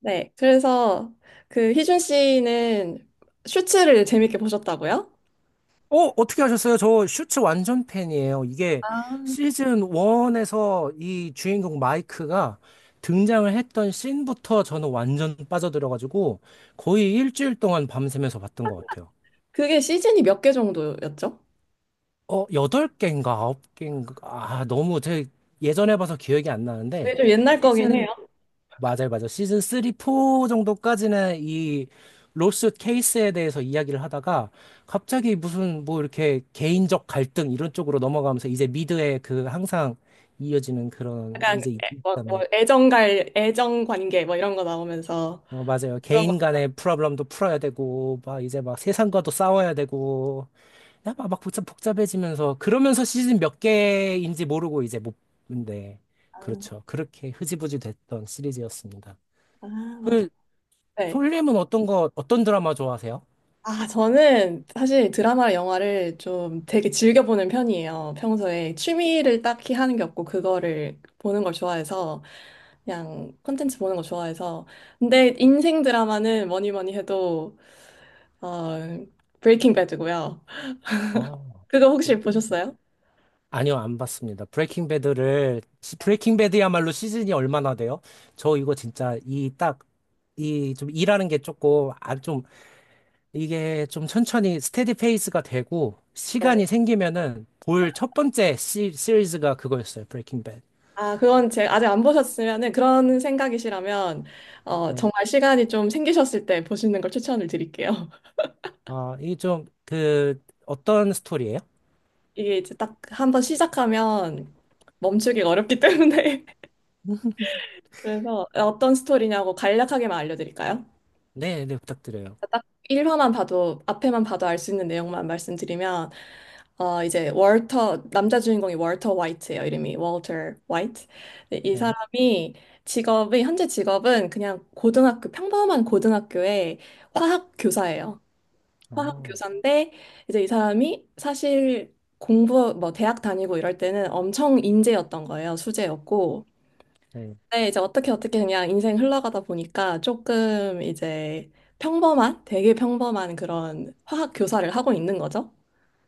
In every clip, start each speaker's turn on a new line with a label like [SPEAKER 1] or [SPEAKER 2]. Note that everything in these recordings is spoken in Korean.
[SPEAKER 1] 네. 그래서 그 희준 씨는 슈츠를 재밌게 보셨다고요?
[SPEAKER 2] 어, 어떻게 하셨어요? 저 슈츠 완전 팬이에요. 이게
[SPEAKER 1] 아,
[SPEAKER 2] 시즌 1에서 이 주인공 마이크가 등장을 했던 씬부터 저는 완전 빠져들어가지고 거의 일주일 동안 밤새면서 봤던 것 같아요.
[SPEAKER 1] 그게 시즌이 몇 개 정도였죠?
[SPEAKER 2] 어, 8개인가 9개인가. 아, 너무 제 예전에 봐서 기억이 안
[SPEAKER 1] 그게
[SPEAKER 2] 나는데
[SPEAKER 1] 좀 옛날 거긴
[SPEAKER 2] 시즌,
[SPEAKER 1] 해요.
[SPEAKER 2] 맞아요, 맞아요. 시즌 3, 4 정도까지는 이 로스 케이스에 대해서 이야기를 하다가 갑자기 무슨 뭐 이렇게 개인적 갈등 이런 쪽으로 넘어가면서 이제 미드에 그 항상 이어지는 그런
[SPEAKER 1] 약간
[SPEAKER 2] 이제
[SPEAKER 1] 뭐
[SPEAKER 2] 있잖아요.
[SPEAKER 1] 애정관계 뭐 이런 거 나오면서
[SPEAKER 2] 어, 맞아요.
[SPEAKER 1] 그런 거.
[SPEAKER 2] 개인 간의 프로블럼도 풀어야 되고 막 이제 막 세상과도 싸워야 되고 야, 막 복잡해지면서 그러면서 시즌 몇 개인지 모르고 이제 못 근데
[SPEAKER 1] 아,
[SPEAKER 2] 그렇죠. 그렇게 흐지부지 됐던 시리즈였습니다.
[SPEAKER 1] 아, 맞아.
[SPEAKER 2] 그
[SPEAKER 1] 네.
[SPEAKER 2] 솔님은 어떤 거, 어떤 드라마 좋아하세요?
[SPEAKER 1] 아, 저는 사실 드라마나 영화를 좀 되게 즐겨보는 편이에요. 평소에 취미를 딱히 하는 게 없고, 그거를 보는 걸 좋아해서, 그냥 콘텐츠 보는 거 좋아해서. 근데 인생 드라마는 뭐니 뭐니 해도, 어, 브레이킹 배드고요.
[SPEAKER 2] 아,
[SPEAKER 1] 그거 혹시
[SPEAKER 2] 브레이킹 배드.
[SPEAKER 1] 보셨어요?
[SPEAKER 2] 아니요, 안 봤습니다. 브레이킹 배드야말로 시즌이 얼마나 돼요? 저 이거 진짜 이 딱, 이 좀 일하는 게 조금, 아, 좀, 이게 좀 천천히 스테디 페이스가 되고,
[SPEAKER 1] 네.
[SPEAKER 2] 시간이 생기면은 볼 첫 번째 시리즈가 그거였어요. 브레이킹 배드.
[SPEAKER 1] 아, 그건 제 아직 안 보셨으면은 그런 생각이시라면,
[SPEAKER 2] 네.
[SPEAKER 1] 정말 시간이 좀 생기셨을 때 보시는 걸 추천을 드릴게요.
[SPEAKER 2] 아, 이 좀, 그, 어떤 스토리예요?
[SPEAKER 1] 이게 이제 딱 한번 시작하면 멈추기가 어렵기 때문에. 그래서 어떤 스토리냐고 간략하게만 알려드릴까요?
[SPEAKER 2] 네, 네, 부탁드려요.
[SPEAKER 1] 딱 1화만 봐도 앞에만 봐도 알 수 있는 내용만 말씀드리면 이제 월터 남자 주인공이 월터 화이트예요. 이름이 월터 화이트. 근데 이
[SPEAKER 2] 네.
[SPEAKER 1] 사람이 직업이 현재 직업은 그냥 고등학교 평범한 고등학교의 화학 교사예요. 화학
[SPEAKER 2] 어,
[SPEAKER 1] 교사인데 이제 이 사람이 사실 공부 뭐 대학 다니고 이럴 때는 엄청 인재였던 거예요. 수재였고
[SPEAKER 2] 네.
[SPEAKER 1] 네, 이제 어떻게 어떻게 그냥 인생 흘러가다 보니까 조금 이제 평범한, 되게 평범한 그런 화학 교사를 하고 있는 거죠.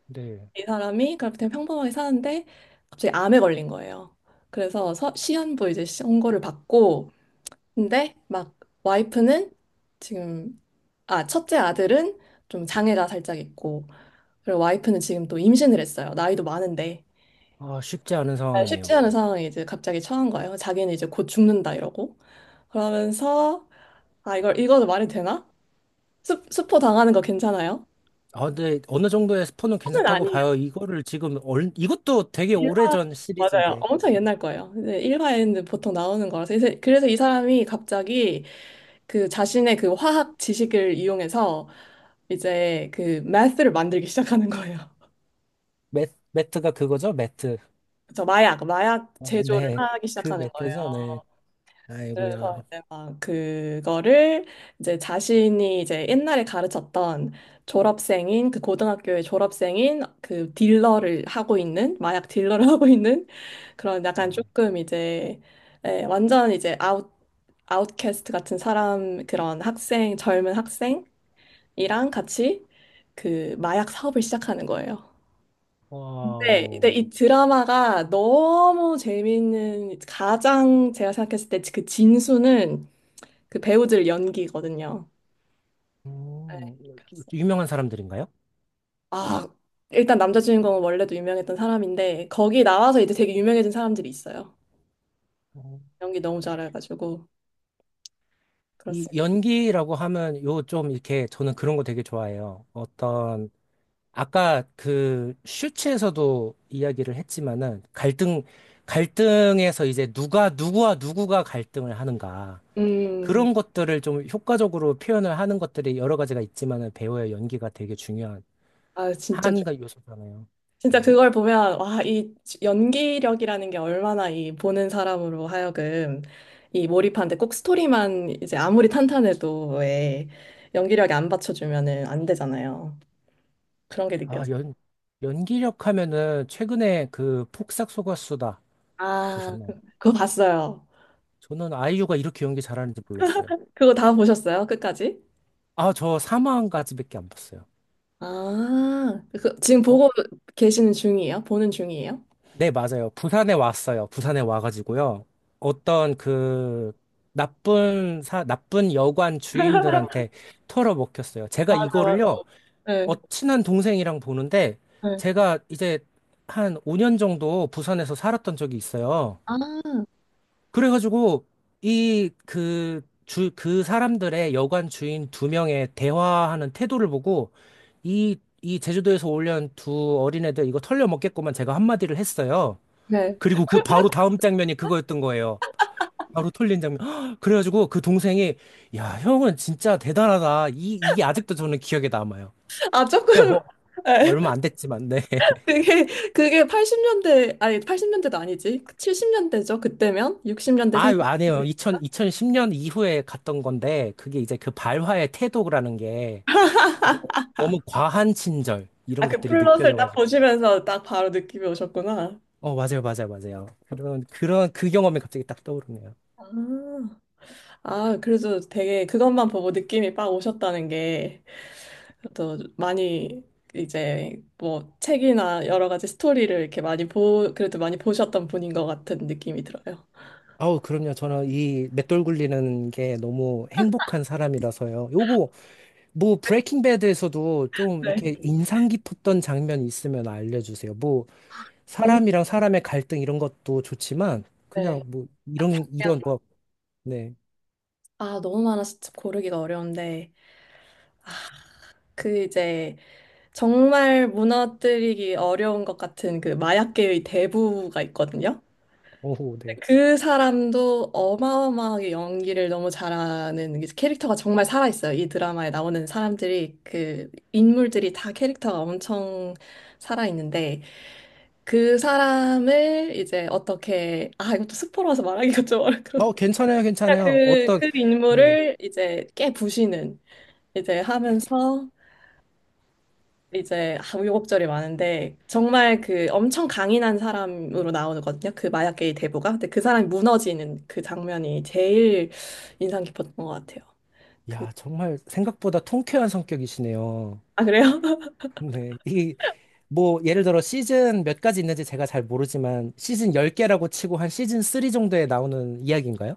[SPEAKER 2] 네.
[SPEAKER 1] 이 사람이 그렇게 되게 평범하게 사는데 갑자기 암에 걸린 거예요. 그래서 시한부 이제 선고를 받고 근데 막 와이프는 지금 아 첫째 아들은 좀 장애가 살짝 있고 그리고 와이프는 지금 또 임신을 했어요. 나이도 많은데
[SPEAKER 2] 아, 쉽지 않은
[SPEAKER 1] 아, 쉽지
[SPEAKER 2] 상황이네요.
[SPEAKER 1] 않은 상황에 이제 갑자기 처한 거예요. 자기는 이제 곧 죽는다 이러고 그러면서 아, 이걸 읽어도 말이 되나? 스포 당하는 거 괜찮아요?
[SPEAKER 2] 아, 근데 어느 정도의 스포는
[SPEAKER 1] 처음은
[SPEAKER 2] 괜찮다고
[SPEAKER 1] 아니에요.
[SPEAKER 2] 봐요. 이거를 지금 얼, 이것도 되게
[SPEAKER 1] 일화
[SPEAKER 2] 오래전
[SPEAKER 1] 맞아요.
[SPEAKER 2] 시리즈인데
[SPEAKER 1] 엄청 옛날 거예요. 근데 1화에는 보통 나오는 거라서. 그래서 이 사람이 갑자기 그 자신의 그 화학 지식을 이용해서 이제 그 매스를 만들기 시작하는 거예요.
[SPEAKER 2] 매트가 그거죠? 매트.
[SPEAKER 1] 저 마약
[SPEAKER 2] 어,
[SPEAKER 1] 제조를
[SPEAKER 2] 네,
[SPEAKER 1] 하기
[SPEAKER 2] 그
[SPEAKER 1] 시작하는 거예요.
[SPEAKER 2] 매트죠. 네.
[SPEAKER 1] 그래서
[SPEAKER 2] 아이고야.
[SPEAKER 1] 이제 막 그거를 이제 자신이 이제 옛날에 가르쳤던 졸업생인 그 고등학교의 졸업생인 그 딜러를 하고 있는 마약 딜러를 하고 있는 그런 약간
[SPEAKER 2] 아우.
[SPEAKER 1] 조금 이제 예, 완전 이제 아웃캐스트 같은 사람 그런 학생 젊은 학생이랑 같이 그 마약 사업을 시작하는 거예요. 네, 근데
[SPEAKER 2] 와우.
[SPEAKER 1] 이 드라마가 너무 재미있는 가장 제가 생각했을 때 그 진수는 그 배우들 연기거든요. 네,
[SPEAKER 2] 음,
[SPEAKER 1] 그래서
[SPEAKER 2] 유명한 사람들인가요?
[SPEAKER 1] 아, 일단 남자 주인공은 원래도 유명했던 사람인데 거기 나와서 이제 되게 유명해진 사람들이 있어요.
[SPEAKER 2] 어,
[SPEAKER 1] 연기 너무 잘해가지고
[SPEAKER 2] 이
[SPEAKER 1] 그렇습니다.
[SPEAKER 2] 연기라고 하면 요 좀 이렇게 저는 그런 거 되게 좋아해요. 어떤 아까 그 슈츠에서도 이야기를 했지만은 갈등에서 이제 누가 누구와 누구가 갈등을 하는가. 그런 것들을 좀 효과적으로 표현을 하는 것들이 여러 가지가 있지만은 배우의 연기가 되게 중요한
[SPEAKER 1] 아,
[SPEAKER 2] 한가 요소잖아요.
[SPEAKER 1] 진짜
[SPEAKER 2] 예.
[SPEAKER 1] 그걸 보면 와, 이 연기력이라는 게 얼마나 이 보는 사람으로 하여금 이 몰입하는데 꼭 스토리만 이제 아무리 탄탄해도 왜 연기력이 안 받쳐주면은 안 되잖아요. 그런 게
[SPEAKER 2] 아,
[SPEAKER 1] 느껴져요.
[SPEAKER 2] 연기력 하면은 최근에 그 폭삭 속았수다
[SPEAKER 1] 아,
[SPEAKER 2] 보셨나요?
[SPEAKER 1] 그거 봤어요.
[SPEAKER 2] 저는 아이유가 이렇게 연기 잘하는지 몰랐어요.
[SPEAKER 1] 그거 다 보셨어요? 끝까지?
[SPEAKER 2] 아, 저 사망까지밖에 안 봤어요.
[SPEAKER 1] 아, 그, 지금
[SPEAKER 2] 어?
[SPEAKER 1] 보고 계시는 중이에요? 보는 중이에요?
[SPEAKER 2] 네, 맞아요. 부산에 왔어요. 부산에 와가지고요. 어떤 그 나쁜 여관 주인들한테 털어먹혔어요. 제가
[SPEAKER 1] 맞아, 맞아.
[SPEAKER 2] 이거를요. 어,
[SPEAKER 1] 네,
[SPEAKER 2] 친한 동생이랑 보는데
[SPEAKER 1] 네.
[SPEAKER 2] 제가 이제 한 5년 정도 부산에서 살았던 적이 있어요.
[SPEAKER 1] 아,
[SPEAKER 2] 그래가지고 이 그 그 사람들의 여관 주인 두 명의 대화하는 태도를 보고 이 제주도에서 올려온 두 어린애들 이거 털려먹겠구만 제가 한마디를 했어요.
[SPEAKER 1] 네.
[SPEAKER 2] 그리고 그 바로 다음 장면이 그거였던 거예요. 바로 털린 장면. 그래가지고 그 동생이 야, 형은 진짜 대단하다. 이게 아직도 저는 기억에 남아요.
[SPEAKER 1] 아, 조금,
[SPEAKER 2] 그냥 뭐
[SPEAKER 1] 네.
[SPEAKER 2] 얼마 안 됐지만, 네.
[SPEAKER 1] 그게, 그게 80년대, 아니, 80년대도 아니지. 70년대죠? 그때면? 60년대 생
[SPEAKER 2] 아유, 안 해요. 2 0 2010년 이후에 갔던 건데, 그게 이제 그 발화의 태도라는 게 어, 너무 과한 친절, 이런
[SPEAKER 1] 아, 그
[SPEAKER 2] 것들이
[SPEAKER 1] 플롯을 딱
[SPEAKER 2] 느껴져가지고.
[SPEAKER 1] 보시면서 딱 바로 느낌이 오셨구나.
[SPEAKER 2] 어, 맞아요, 맞아요, 맞아요. 그 경험이 갑자기 딱 떠오르네요.
[SPEAKER 1] 아, 아, 그래도 되게 그것만 보고 느낌이 빡 오셨다는 게 또 많이 이제 뭐 책이나 여러 가지 스토리를 이렇게 많이 보, 그래도 많이 보셨던 분인 것 같은 느낌이 들어요.
[SPEAKER 2] 아우, 그럼요. 저는 이 맷돌 굴리는 게 너무 행복한 사람이라서요. 요거, 뭐, 브레이킹 배드에서도 좀 이렇게
[SPEAKER 1] 네.
[SPEAKER 2] 인상 깊었던 장면이 있으면 알려주세요. 뭐,
[SPEAKER 1] 너무-
[SPEAKER 2] 사람이랑 사람의 갈등 이런 것도 좋지만,
[SPEAKER 1] 네.
[SPEAKER 2] 그냥 뭐,
[SPEAKER 1] 딱 장면.
[SPEAKER 2] 뭐, 네.
[SPEAKER 1] 아, 너무 많아서 참 고르기가 어려운데, 그 이제 정말 무너뜨리기 어려운 것 같은 그 마약계의 대부가 있거든요.
[SPEAKER 2] 오호, 네.
[SPEAKER 1] 그 사람도 어마어마하게 연기를 너무 잘하는 게 캐릭터가 정말 살아있어요. 이 드라마에 나오는 사람들이 그 인물들이 다 캐릭터가 엄청 살아있는데 그 사람을 이제 어떻게 아 이것도 스포라서 말하기가 좀 어렵고
[SPEAKER 2] 어, 괜찮아요,
[SPEAKER 1] 그그
[SPEAKER 2] 괜찮아요.
[SPEAKER 1] 그
[SPEAKER 2] 어떤,
[SPEAKER 1] 그
[SPEAKER 2] 네.
[SPEAKER 1] 인물을 이제 깨부시는 이제 하면서 이제 우여곡절이 많은데 정말 그 엄청 강인한 사람으로 나오거든요. 그 마약계의 대부가. 근데 그 사람이 무너지는 그 장면이 제일 인상 깊었던 것 같아요. 그,
[SPEAKER 2] 야, 정말 생각보다 통쾌한 성격이시네요.
[SPEAKER 1] 아 그래요?
[SPEAKER 2] 네. 이, 뭐, 예를 들어 시즌 몇 가지 있는지 제가 잘 모르지만, 시즌 10개라고 치고 한 시즌 3 정도에 나오는 이야기인가요?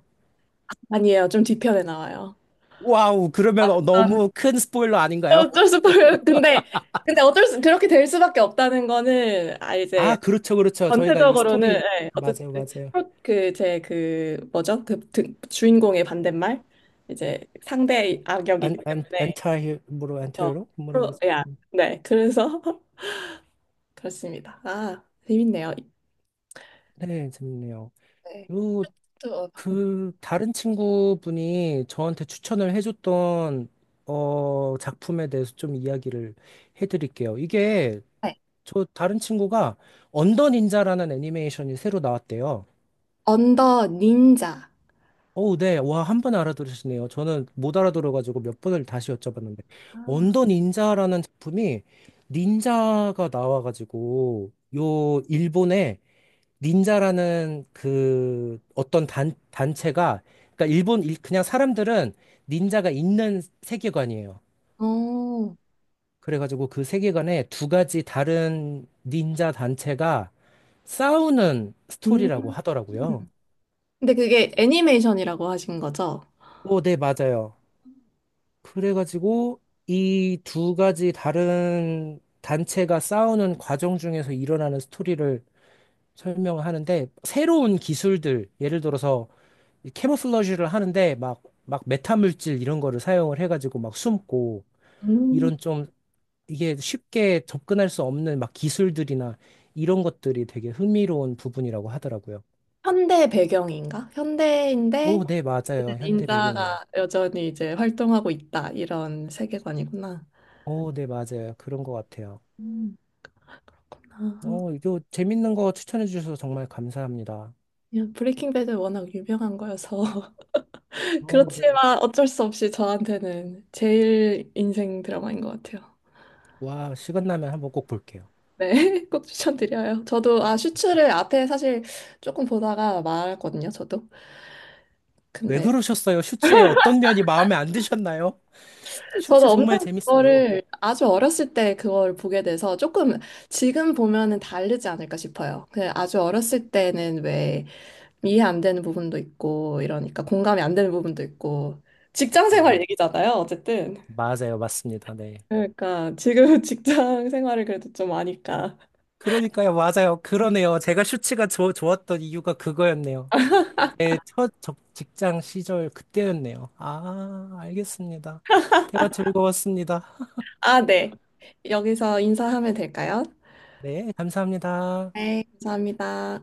[SPEAKER 1] 아니에요. 좀 뒤편에 나와요.
[SPEAKER 2] 와우, 그러면 어,
[SPEAKER 1] 아,
[SPEAKER 2] 너무 큰 스포일러 아닌가요?
[SPEAKER 1] 어쩔 수없 근데 근데 어쩔 수 그렇게 될 수밖에 없다는 거는 아 이제
[SPEAKER 2] 아, 그렇죠, 그렇죠. 저희가 이
[SPEAKER 1] 전체적으로는
[SPEAKER 2] 스토리,
[SPEAKER 1] 예, 어쨌든
[SPEAKER 2] 맞아요, 맞아요.
[SPEAKER 1] 그제 그 뭐죠? 그 주인공의 반대말 이제 상대
[SPEAKER 2] 안,
[SPEAKER 1] 악역이기
[SPEAKER 2] 안,
[SPEAKER 1] 때문에
[SPEAKER 2] 안타, 히로 안타
[SPEAKER 1] 어,
[SPEAKER 2] 히로 뭐라고,
[SPEAKER 1] 프로,
[SPEAKER 2] 그러지?
[SPEAKER 1] 야, 네, 그래서 그렇습니다. 아, 재밌네요.
[SPEAKER 2] 네, 재밌네요.
[SPEAKER 1] 네. 또,
[SPEAKER 2] 그 다른 친구분이 저한테 추천을 해줬던 어 작품에 대해서 좀 이야기를 해드릴게요. 이게
[SPEAKER 1] 네.
[SPEAKER 2] 저 다른 친구가 언더 닌자라는 애니메이션이 새로 나왔대요.
[SPEAKER 1] 언더 닌자.
[SPEAKER 2] 어 네. 와, 한 번 알아들으시네요. 저는 못 알아들어가지고 몇 번을 다시 여쭤봤는데.
[SPEAKER 1] 아,
[SPEAKER 2] 언더 닌자라는 작품이 닌자가 나와가지고 요 일본에 닌자라는 그 어떤 단체가, 그러니까 그냥 사람들은 닌자가 있는 세계관이에요.
[SPEAKER 1] 어.
[SPEAKER 2] 그래가지고 그 세계관에 두 가지 다른 닌자 단체가 싸우는
[SPEAKER 1] 음,
[SPEAKER 2] 스토리라고 하더라고요.
[SPEAKER 1] 근데 그게 애니메이션이라고 하신 거죠?
[SPEAKER 2] 오, 네, 맞아요. 그래가지고 이 두 가지 다른 단체가 싸우는 과정 중에서 일어나는 스토리를 설명을 하는데, 새로운 기술들, 예를 들어서 이 캐모플러지를 하는데 막 메타물질 이런 거를 사용을 해가지고 막 숨고
[SPEAKER 1] 음.
[SPEAKER 2] 이런 좀 이게 쉽게 접근할 수 없는 막 기술들이나 이런 것들이 되게 흥미로운 부분이라고 하더라고요.
[SPEAKER 1] 현대 배경인가? 현대인데
[SPEAKER 2] 오, 네,
[SPEAKER 1] 이제
[SPEAKER 2] 맞아요. 현대 배경이.
[SPEAKER 1] 닌자가 여전히 이제 활동하고 있다 이런 세계관이구나.
[SPEAKER 2] 오, 네, 맞아요. 그런 것 같아요.
[SPEAKER 1] 음. 아,
[SPEAKER 2] 어, 이거 재밌는 거 추천해 주셔서 정말 감사합니다.
[SPEAKER 1] 그냥 브레이킹 배드 워낙 유명한 거여서
[SPEAKER 2] 어, 네.
[SPEAKER 1] 그렇지만 어쩔 수 없이 저한테는 제일 인생 드라마인 것 같아요.
[SPEAKER 2] 와, 시간 나면 한번 꼭 볼게요.
[SPEAKER 1] 네, 꼭 추천드려요. 저도 아 슈츠를 앞에 사실 조금 보다가 말았거든요, 저도.
[SPEAKER 2] 왜
[SPEAKER 1] 근데
[SPEAKER 2] 그러셨어요? 슈츠의 어떤 면이 마음에 안 드셨나요?
[SPEAKER 1] 저도
[SPEAKER 2] 슈츠 정말
[SPEAKER 1] 엄청
[SPEAKER 2] 재밌어요.
[SPEAKER 1] 그거를 아주 어렸을 때 그걸 보게 돼서 조금 지금 보면은 다르지 않을까 싶어요. 그 아주 어렸을 때는 왜 이해 안 되는 부분도 있고 이러니까 공감이 안 되는 부분도 있고 직장 생활
[SPEAKER 2] 네.
[SPEAKER 1] 얘기잖아요, 어쨌든.
[SPEAKER 2] 맞아요. 맞습니다. 네.
[SPEAKER 1] 그러니까 지금 직장 생활을 그래도 좀 아니까.
[SPEAKER 2] 그러니까요, 맞아요. 그러네요. 제가 슈츠가 좋 좋았던 이유가 그거였네요. 제 첫 직장 시절 그때였네요. 아, 알겠습니다. 대화 즐거웠습니다.
[SPEAKER 1] 아, 네. 여기서 인사하면 될까요?
[SPEAKER 2] 네, 감사합니다.
[SPEAKER 1] 네, 감사합니다.